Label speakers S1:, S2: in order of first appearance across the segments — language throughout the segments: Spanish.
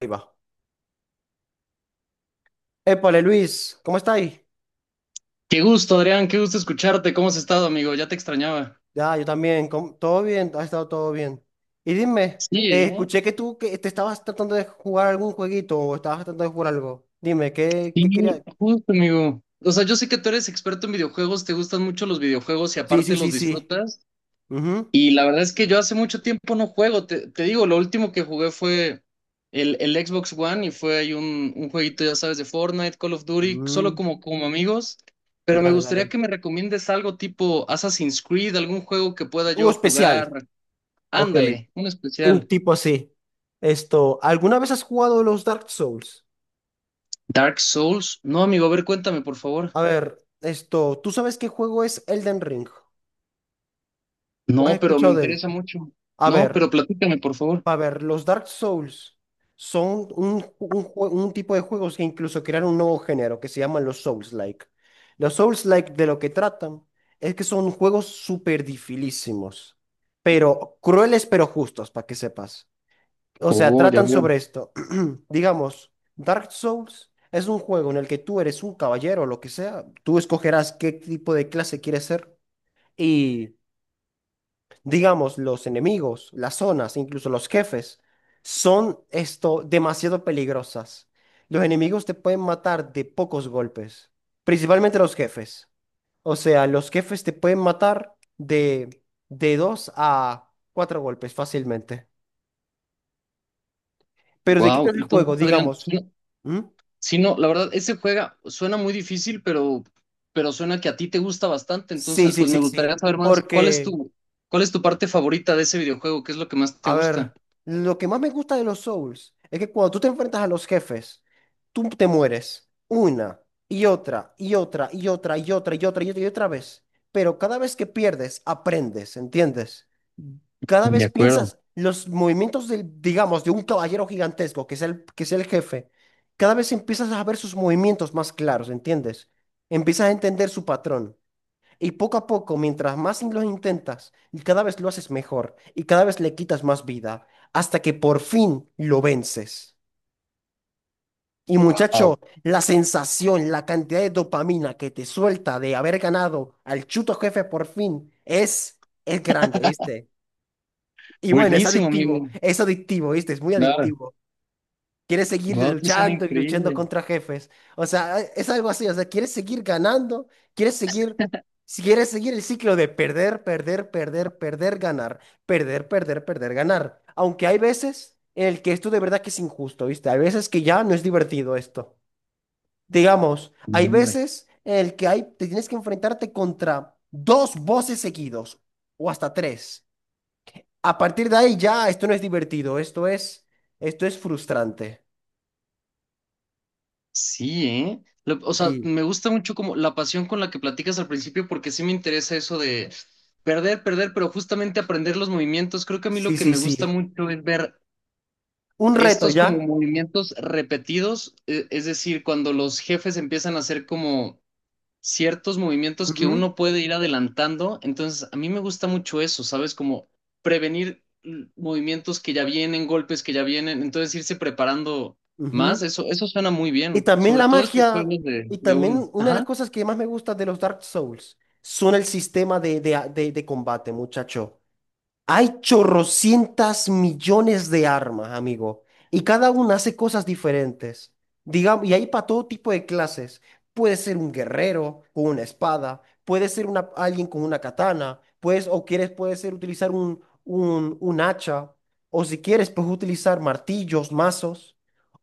S1: Ahí va. Épale, Luis, ¿cómo estáis?
S2: Qué gusto, Adrián, qué gusto escucharte. ¿Cómo has estado, amigo? Ya te extrañaba.
S1: Ya, yo también, ¿cómo- ¿todo bien? ¿Ha estado todo bien? Y dime,
S2: Sí, ¿eh?
S1: escuché que tú que te estabas tratando de jugar algún jueguito o estabas tratando de jugar algo. Dime, ¿qué querías?
S2: Sí, justo, amigo. O sea, yo sé que tú eres experto en videojuegos, te gustan mucho los videojuegos y
S1: Sí, sí,
S2: aparte los
S1: sí, sí.
S2: disfrutas.
S1: Ujú.
S2: Y la verdad es que yo hace mucho tiempo no juego. Te digo, lo último que jugué fue el Xbox One y fue ahí un jueguito, ya sabes, de Fortnite, Call of Duty, solo
S1: Mm,
S2: como, como amigos. Pero me
S1: dale,
S2: gustaría
S1: dale.
S2: que me recomiendes algo tipo Assassin's Creed, algún juego que pueda
S1: Juego
S2: yo jugar.
S1: especial. Ok,
S2: Ándale, un
S1: un
S2: especial.
S1: tipo así. Esto, ¿alguna vez has jugado los Dark Souls?
S2: Dark Souls. No, amigo, a ver, cuéntame, por favor.
S1: A ver, esto, ¿tú sabes qué juego es Elden Ring? ¿O has
S2: No, pero me
S1: escuchado de él?
S2: interesa mucho.
S1: A
S2: No,
S1: ver.
S2: pero platícame, por favor.
S1: A ver, los Dark Souls son un tipo de juegos que incluso crearon un nuevo género que se llaman los Souls-like. Los Souls-like de lo que tratan es que son juegos súper dificilísimos, pero crueles pero justos, para que sepas. O sea,
S2: Oh, ya
S1: tratan
S2: veo.
S1: sobre esto. Digamos, Dark Souls es un juego en el que tú eres un caballero o lo que sea, tú escogerás qué tipo de clase quieres ser. Digamos, los enemigos, las zonas, incluso los jefes, son esto demasiado peligrosas. Los enemigos te pueden matar de pocos golpes, principalmente los jefes. O sea, los jefes te pueden matar de dos a cuatro golpes fácilmente. Pero de qué
S2: Wow.
S1: quitas el juego,
S2: Entonces, Adrián,
S1: digamos.
S2: sí,
S1: ¿Mm?
S2: sí, no, la verdad, ese juega suena muy difícil, pero suena que a ti te gusta bastante.
S1: Sí,
S2: Entonces,
S1: sí,
S2: pues
S1: sí,
S2: me
S1: sí.
S2: gustaría saber más.
S1: Porque
S2: Cuál es tu parte favorita de ese videojuego? ¿Qué es lo que más te
S1: a
S2: gusta?
S1: ver, lo que más me gusta de los Souls es que cuando tú te enfrentas a los jefes, tú te mueres una y otra y otra y otra y otra y otra y otra y otra vez. Pero cada vez que pierdes, aprendes, ¿entiendes? Cada
S2: De
S1: vez
S2: acuerdo.
S1: piensas los movimientos del, digamos, de un caballero gigantesco, que es el jefe. Cada vez empiezas a ver sus movimientos más claros, ¿entiendes? Empiezas a entender su patrón. Y poco a poco, mientras más lo intentas, y cada vez lo haces mejor y cada vez le quitas más vida, hasta que por fin lo vences. Y
S2: Wow.
S1: muchacho, la sensación, la cantidad de dopamina que te suelta de haber ganado al chuto jefe por fin es grande, ¿viste? Y bueno,
S2: Buenísimo, amigo.
S1: es adictivo, ¿viste? Es muy
S2: Claro.
S1: adictivo. Quieres seguir
S2: Wow, sí suena
S1: luchando y luchando
S2: increíble.
S1: contra jefes. O sea, es algo así. O sea, quieres seguir ganando, quieres seguir, si quieres seguir el ciclo de perder, perder, perder, perder, ganar, perder, perder, perder, ganar. Aunque hay veces en el que esto de verdad que es injusto, ¿viste? Hay veces que ya no es divertido esto. Digamos, hay
S2: Hombre.
S1: veces en el que hay, te tienes que enfrentarte contra dos voces seguidos o hasta tres. A partir de ahí ya esto no es divertido, esto es frustrante.
S2: Sí, ¿eh? O sea,
S1: Sí.
S2: me gusta mucho como la pasión con la que platicas al principio porque sí me interesa eso de perder, perder, pero justamente aprender los movimientos. Creo que a mí
S1: Sí,
S2: lo que
S1: sí,
S2: me gusta
S1: sí.
S2: mucho es ver
S1: Un reto
S2: estos
S1: ya.
S2: como movimientos repetidos, es decir, cuando los jefes empiezan a hacer como ciertos movimientos que
S1: Ujú,
S2: uno puede ir adelantando. Entonces, a mí me gusta mucho eso, ¿sabes? Como prevenir movimientos que ya vienen, golpes que ya vienen, entonces irse preparando más,
S1: ujú.
S2: eso suena muy
S1: Y
S2: bien,
S1: también
S2: sobre
S1: la
S2: todo estos
S1: magia,
S2: juegos
S1: y
S2: de uno.
S1: también una de las
S2: Ajá,
S1: cosas que más me gusta de los Dark Souls son el sistema de combate, muchacho. Hay chorrocientas millones de armas, amigo, y cada una hace cosas diferentes. Digamos, y hay para todo tipo de clases. Puede ser un guerrero con una espada, puede ser una, alguien con una katana, puedes, o quieres, puede ser utilizar un hacha, o si quieres, puedes utilizar martillos, mazos,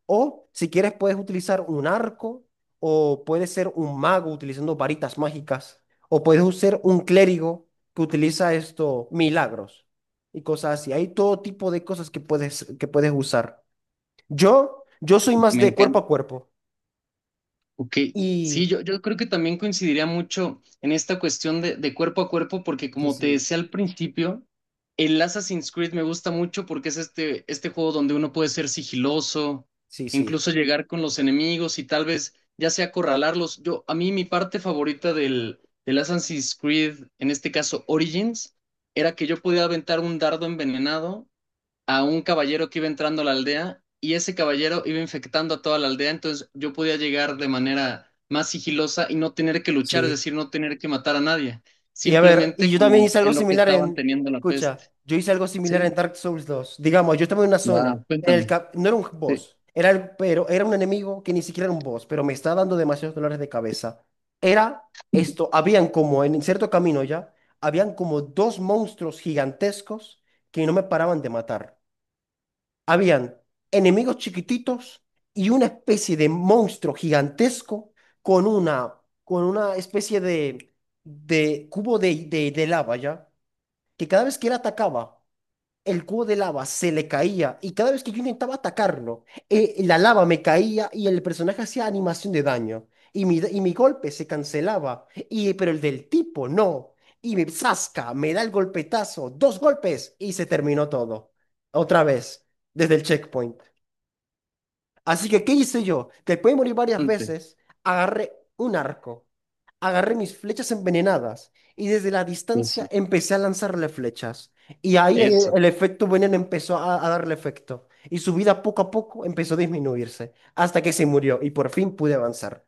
S1: o si quieres, puedes utilizar un arco, o puedes ser un mago utilizando varitas mágicas, o puedes ser un clérigo que utiliza esto, milagros y cosas así. Hay todo tipo de cosas que puedes usar. Yo soy más
S2: me
S1: de cuerpo
S2: encanta.
S1: a cuerpo.
S2: Ok, sí,
S1: Y
S2: yo creo que también coincidiría mucho en esta cuestión de cuerpo a cuerpo, porque
S1: sí,
S2: como te
S1: sí,
S2: decía al principio, el Assassin's Creed me gusta mucho porque es este, este juego donde uno puede ser sigiloso,
S1: sí, sí,
S2: incluso llegar con los enemigos y tal vez ya sea acorralarlos. Yo, a mí mi parte favorita del, del Assassin's Creed, en este caso Origins, era que yo podía aventar un dardo envenenado a un caballero que iba entrando a la aldea y ese caballero iba infectando a toda la aldea, entonces yo podía llegar de manera más sigilosa y no tener que luchar, es
S1: sí.
S2: decir, no tener que matar a nadie,
S1: Y
S2: simplemente
S1: yo también
S2: como
S1: hice algo
S2: en lo que
S1: similar
S2: estaban
S1: en,
S2: teniendo la peste.
S1: escucha, yo hice algo
S2: Sí,
S1: similar en Dark Souls dos. Digamos, yo estaba en una zona,
S2: wow,
S1: en el
S2: cuéntame.
S1: no era un
S2: Sí,
S1: boss, pero era un enemigo que ni siquiera era un boss, pero me estaba dando demasiados dolores de cabeza. Era esto, habían como en cierto camino ya, habían como dos monstruos gigantescos que no me paraban de matar. Habían enemigos chiquititos y una especie de monstruo gigantesco con una, con una especie de cubo de lava, ¿ya? Que cada vez que él atacaba, el cubo de lava se le caía y cada vez que yo intentaba atacarlo, la lava me caía y el personaje hacía animación de daño y mi golpe se cancelaba, y, pero el del tipo no. Y me zasca, me da el golpetazo, dos golpes y se terminó todo. Otra vez, desde el checkpoint. Así que, ¿qué hice yo? Después de morir varias
S2: cuéntame.
S1: veces, agarré un arco, agarré mis flechas envenenadas y desde la distancia
S2: Eso,
S1: empecé a lanzarle flechas. Y ahí el
S2: eso.
S1: el efecto veneno empezó a darle efecto. Y su vida poco a poco empezó a disminuirse hasta que se murió y por fin pude avanzar.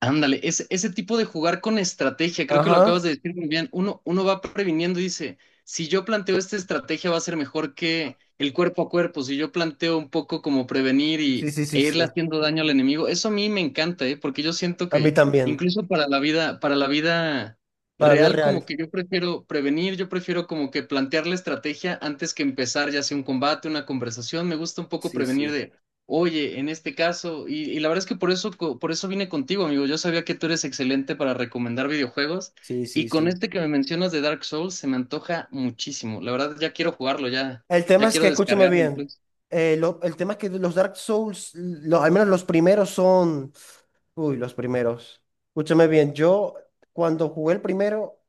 S2: Ándale, ese tipo de jugar con estrategia, creo que lo
S1: Ajá.
S2: acabas de decir muy bien. Uno, uno va previniendo y dice, si yo planteo esta estrategia va a ser mejor que el cuerpo a cuerpo, si yo planteo un poco como prevenir
S1: Sí,
S2: y,
S1: sí,
S2: e
S1: sí,
S2: irle
S1: sí.
S2: haciendo daño al enemigo, eso a mí me encanta, ¿eh? Porque yo siento
S1: A mí
S2: que
S1: también.
S2: incluso para la vida
S1: Para vida
S2: real, como
S1: real.
S2: que yo prefiero prevenir, yo prefiero como que plantear la estrategia antes que empezar ya sea un combate, una conversación, me gusta un poco
S1: Sí,
S2: prevenir
S1: sí.
S2: de... Oye, en este caso, y la verdad es que por eso, por eso vine contigo, amigo. Yo sabía que tú eres excelente para recomendar videojuegos
S1: Sí, sí,
S2: y con
S1: sí.
S2: este que me mencionas de Dark Souls se me antoja muchísimo. La verdad, ya quiero jugarlo, ya,
S1: El tema
S2: ya
S1: es
S2: quiero
S1: que, escúchame
S2: descargarlo
S1: bien,
S2: incluso.
S1: el tema es que los Dark Souls, lo- al menos los primeros son... Uy, los primeros. Escúchame bien, yo cuando jugué el primero,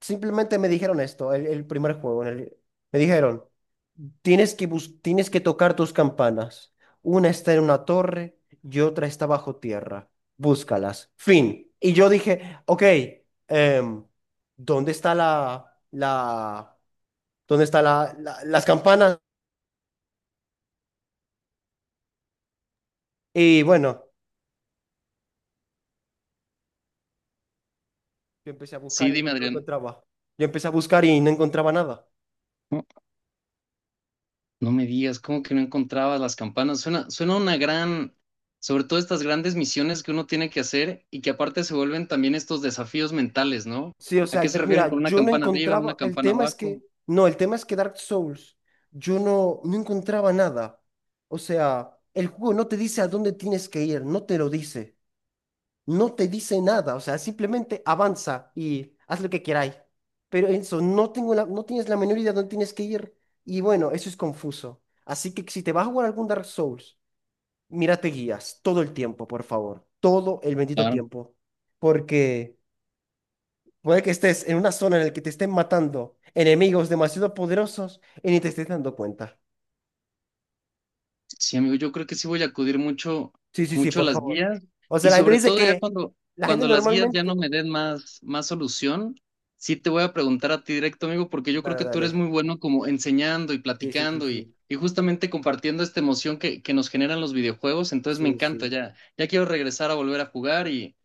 S1: simplemente me dijeron esto, el primer juego. En el- me dijeron, tienes que, tienes que tocar tus campanas. Una está en una torre y otra está bajo tierra. Búscalas. Fin. Y yo dije, ok, em, ¿dónde está dónde está las campanas? Y bueno, yo empecé a
S2: Sí,
S1: buscar y
S2: dime,
S1: no
S2: Adrián.
S1: encontraba. Yo empecé a buscar y no encontraba nada.
S2: No, no me digas, ¿cómo que no encontrabas las campanas? Suena, suena una gran, sobre todo estas grandes misiones que uno tiene que hacer y que aparte se vuelven también estos desafíos mentales, ¿no?
S1: Sí, o
S2: ¿A
S1: sea,
S2: qué se refieren con
S1: mira,
S2: una
S1: yo no
S2: campana arriba, una
S1: encontraba, el
S2: campana
S1: tema es
S2: abajo?
S1: que, no, el tema es que Dark Souls, yo no encontraba nada. O sea, el juego no te dice a dónde tienes que ir, no te lo dice, no te dice nada, o sea, simplemente avanza y haz lo que queráis. Pero eso, no tienes la menor idea de dónde tienes que ir y bueno, eso es confuso. Así que si te vas a jugar algún Dark Souls, mírate guías todo el tiempo, por favor, todo el bendito
S2: Claro.
S1: tiempo, porque... Puede que estés en una zona en la que te estén matando enemigos demasiado poderosos y ni te estés dando cuenta.
S2: Sí, amigo, yo creo que sí voy a acudir mucho,
S1: Sí, sí, sí,
S2: mucho a
S1: por
S2: las
S1: favor.
S2: guías
S1: O sea,
S2: y
S1: la gente
S2: sobre
S1: dice
S2: todo ya
S1: que
S2: cuando,
S1: la gente
S2: cuando las guías ya
S1: normalmente...
S2: no me den más, más solución, sí te voy a preguntar a ti directo, amigo, porque yo creo
S1: Dale,
S2: que tú eres
S1: dale.
S2: muy bueno como enseñando y
S1: Sí, sí, sí,
S2: platicando
S1: sí.
S2: y justamente compartiendo esta emoción que nos generan los videojuegos, entonces me
S1: Sí,
S2: encanta,
S1: sí.
S2: ya, ya quiero regresar a volver a jugar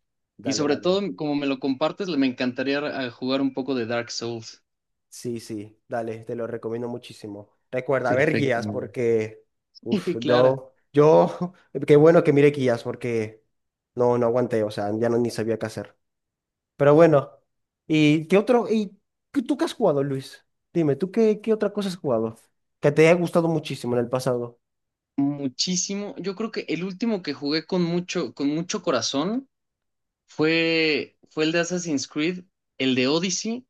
S2: y
S1: Dale,
S2: sobre
S1: dale.
S2: todo como me lo compartes, me encantaría jugar un poco de Dark Souls.
S1: Sí, sí, dale. Te lo recomiendo muchísimo. Recuerda, ver
S2: Perfecto,
S1: guías
S2: amigo.
S1: porque... Uf,
S2: Claro.
S1: yo... Yo... Qué bueno que mire guías porque... No, no aguanté. O sea, ya no ni sabía qué hacer. Pero bueno, ¿y qué otro? ¿Y tú qué has jugado, Luis? Dime, ¿tú qué otra cosa has jugado que te haya gustado muchísimo en el pasado?
S2: Muchísimo. Yo creo que el último que jugué con mucho corazón fue, fue el de Assassin's Creed, el de Odyssey,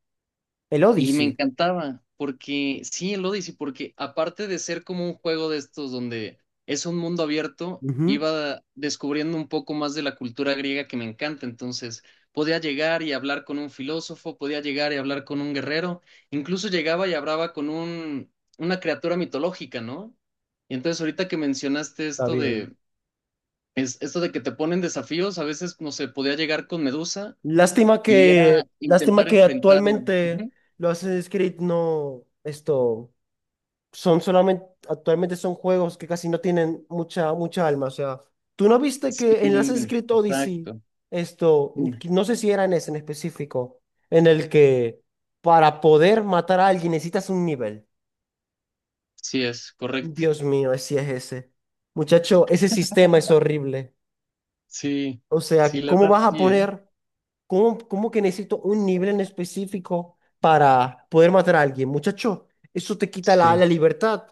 S1: El
S2: y me
S1: Odyssey.
S2: encantaba, porque sí, el Odyssey, porque aparte de ser como un juego de estos donde es un mundo abierto,
S1: Ujú.
S2: iba descubriendo un poco más de la cultura griega que me encanta. Entonces, podía llegar y hablar con un filósofo, podía llegar y hablar con un guerrero, incluso llegaba y hablaba con un, una criatura mitológica, ¿no? Y entonces ahorita que mencionaste
S1: Está
S2: esto
S1: bien.
S2: de, esto de que te ponen desafíos, a veces, no sé, podía llegar con Medusa
S1: Lástima
S2: y era
S1: que, lástima
S2: intentar
S1: que
S2: enfrentarla.
S1: actualmente lo haces Creed no, esto. Son solamente, actualmente son juegos que casi no tienen mucha alma. O sea, ¿tú no viste
S2: Sí,
S1: que en el Assassin's Creed Odyssey,
S2: exacto.
S1: esto,
S2: Dime.
S1: que no sé si era en ese en específico, en el que para poder matar a alguien necesitas un nivel?
S2: Sí, es correcto.
S1: Dios mío, así es ese. Muchacho, ese sistema es horrible.
S2: Sí,
S1: O
S2: sí,
S1: sea,
S2: la
S1: ¿cómo
S2: verdad,
S1: vas a
S2: sí, ¿eh?
S1: poner, cómo que necesito un nivel en específico para poder matar a alguien? Muchacho, eso te quita la,
S2: Sí.
S1: la libertad.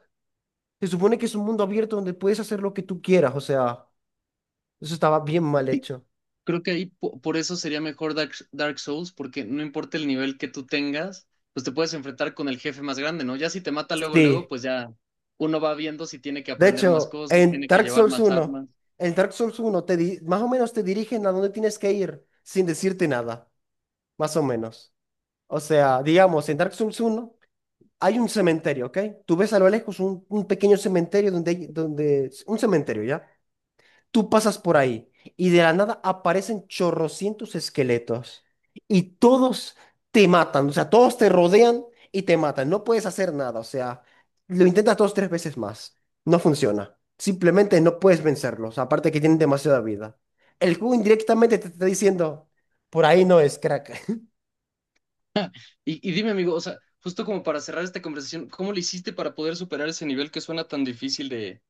S1: Se supone que es un mundo abierto donde puedes hacer lo que tú quieras, o sea, eso estaba bien mal
S2: Sí,
S1: hecho.
S2: creo que ahí por eso sería mejor Dark, Dark Souls, porque no importa el nivel que tú tengas, pues te puedes enfrentar con el jefe más grande, ¿no? Ya si te mata luego, luego,
S1: Sí.
S2: pues ya uno va viendo si tiene que
S1: De
S2: aprender más
S1: hecho,
S2: cosas, tiene que llevar más armas.
S1: En Dark Souls uno te más o menos te dirigen a dónde tienes que ir sin decirte nada, más o menos. O sea, digamos, en Dark Souls uno hay un cementerio, ¿ok? Tú ves a lo lejos un pequeño cementerio donde hay un cementerio, ¿ya? Tú pasas por ahí y de la nada aparecen chorrocientos esqueletos y todos te matan, o sea, todos te rodean y te matan. No puedes hacer nada, o sea, lo intentas dos, tres veces más. No funciona. Simplemente no puedes vencerlos, aparte que tienen demasiada vida. El juego indirectamente te está diciendo, por ahí no es, crack,
S2: Y dime, amigo, o sea, justo como para cerrar esta conversación, ¿cómo le hiciste para poder superar ese nivel que suena tan difícil de...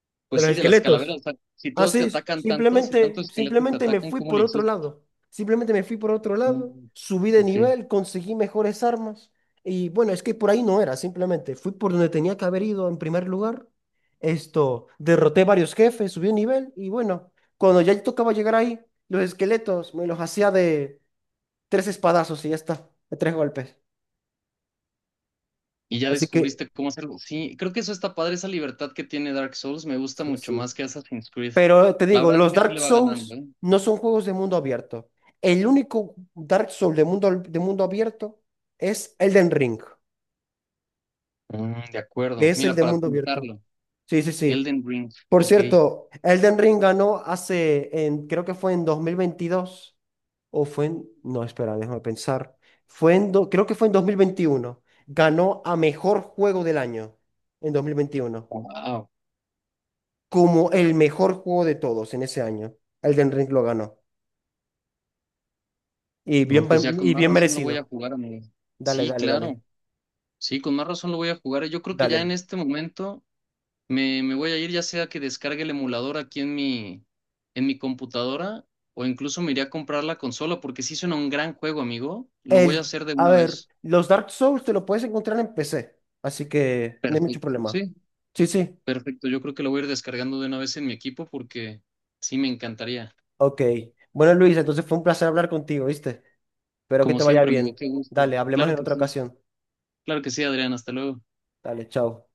S1: de
S2: Pues
S1: los
S2: sí, de las calaveras.
S1: esqueletos.
S2: O sea, si todos te
S1: Así,
S2: atacan tanto, si
S1: simplemente,
S2: tantos esqueletos te
S1: simplemente me
S2: atacan,
S1: fui
S2: ¿cómo
S1: por
S2: le
S1: otro
S2: hiciste?
S1: lado. Simplemente me fui por otro lado,
S2: Mm,
S1: subí de
S2: ok.
S1: nivel, conseguí mejores armas. Y bueno, es que por ahí no era, simplemente fui por donde tenía que haber ido en primer lugar. Esto, derroté varios jefes, subí de nivel y bueno, cuando ya tocaba llegar ahí, los esqueletos me los hacía de tres espadazos y ya está, de tres golpes.
S2: Y ya
S1: Así que,
S2: descubriste cómo hacerlo. Sí, creo que eso está padre, esa libertad que tiene Dark Souls. Me gusta
S1: sí,
S2: mucho
S1: sí.
S2: más que Assassin's Creed.
S1: Pero te
S2: La
S1: digo,
S2: verdad es
S1: los
S2: que sí
S1: Dark
S2: le va ganando,
S1: Souls
S2: ¿eh?
S1: no son juegos de mundo abierto. El único Dark Souls de mundo abierto es Elden Ring,
S2: Mm, de
S1: que
S2: acuerdo.
S1: es el
S2: Mira,
S1: de
S2: para
S1: mundo abierto.
S2: apuntarlo.
S1: Sí, sí, sí.
S2: Elden Ring.
S1: Por
S2: Ok.
S1: cierto, Elden Ring ganó hace, en, creo que fue en 2022, o fue en, no, espera, déjame pensar. Fue en, creo que fue en 2021. Ganó a mejor juego del año en 2021,
S2: Wow.
S1: como el mejor juego de todos en ese año. Elden Ring lo ganó. Y
S2: No,
S1: bien,
S2: pues ya con
S1: y
S2: más
S1: bien
S2: razón lo voy a
S1: merecido.
S2: jugar, amigo.
S1: Dale,
S2: Sí,
S1: dale, dale,
S2: claro. Sí, con más razón lo voy a jugar. Yo creo que ya
S1: dale.
S2: en este momento. Me voy a ir ya sea que descargue el emulador aquí en mi computadora o incluso me iré a comprar la consola porque sí suena un gran juego, amigo. Lo voy a
S1: El,
S2: hacer de
S1: a
S2: una
S1: ver,
S2: vez.
S1: los Dark Souls te lo puedes encontrar en PC, así que no hay mucho
S2: Perfecto.
S1: problema.
S2: Sí,
S1: Sí, sí.
S2: perfecto. Yo creo que lo voy a ir descargando de una vez en mi equipo porque sí me encantaría.
S1: Ok. Bueno, Luis, entonces fue un placer hablar contigo, ¿viste? Espero que
S2: Como
S1: te vaya
S2: siempre, amigo,
S1: bien.
S2: qué gusto.
S1: Dale, hablemos
S2: Claro
S1: en
S2: que
S1: otra
S2: sí.
S1: ocasión.
S2: Claro que sí, Adrián. Hasta luego.
S1: Dale, chao.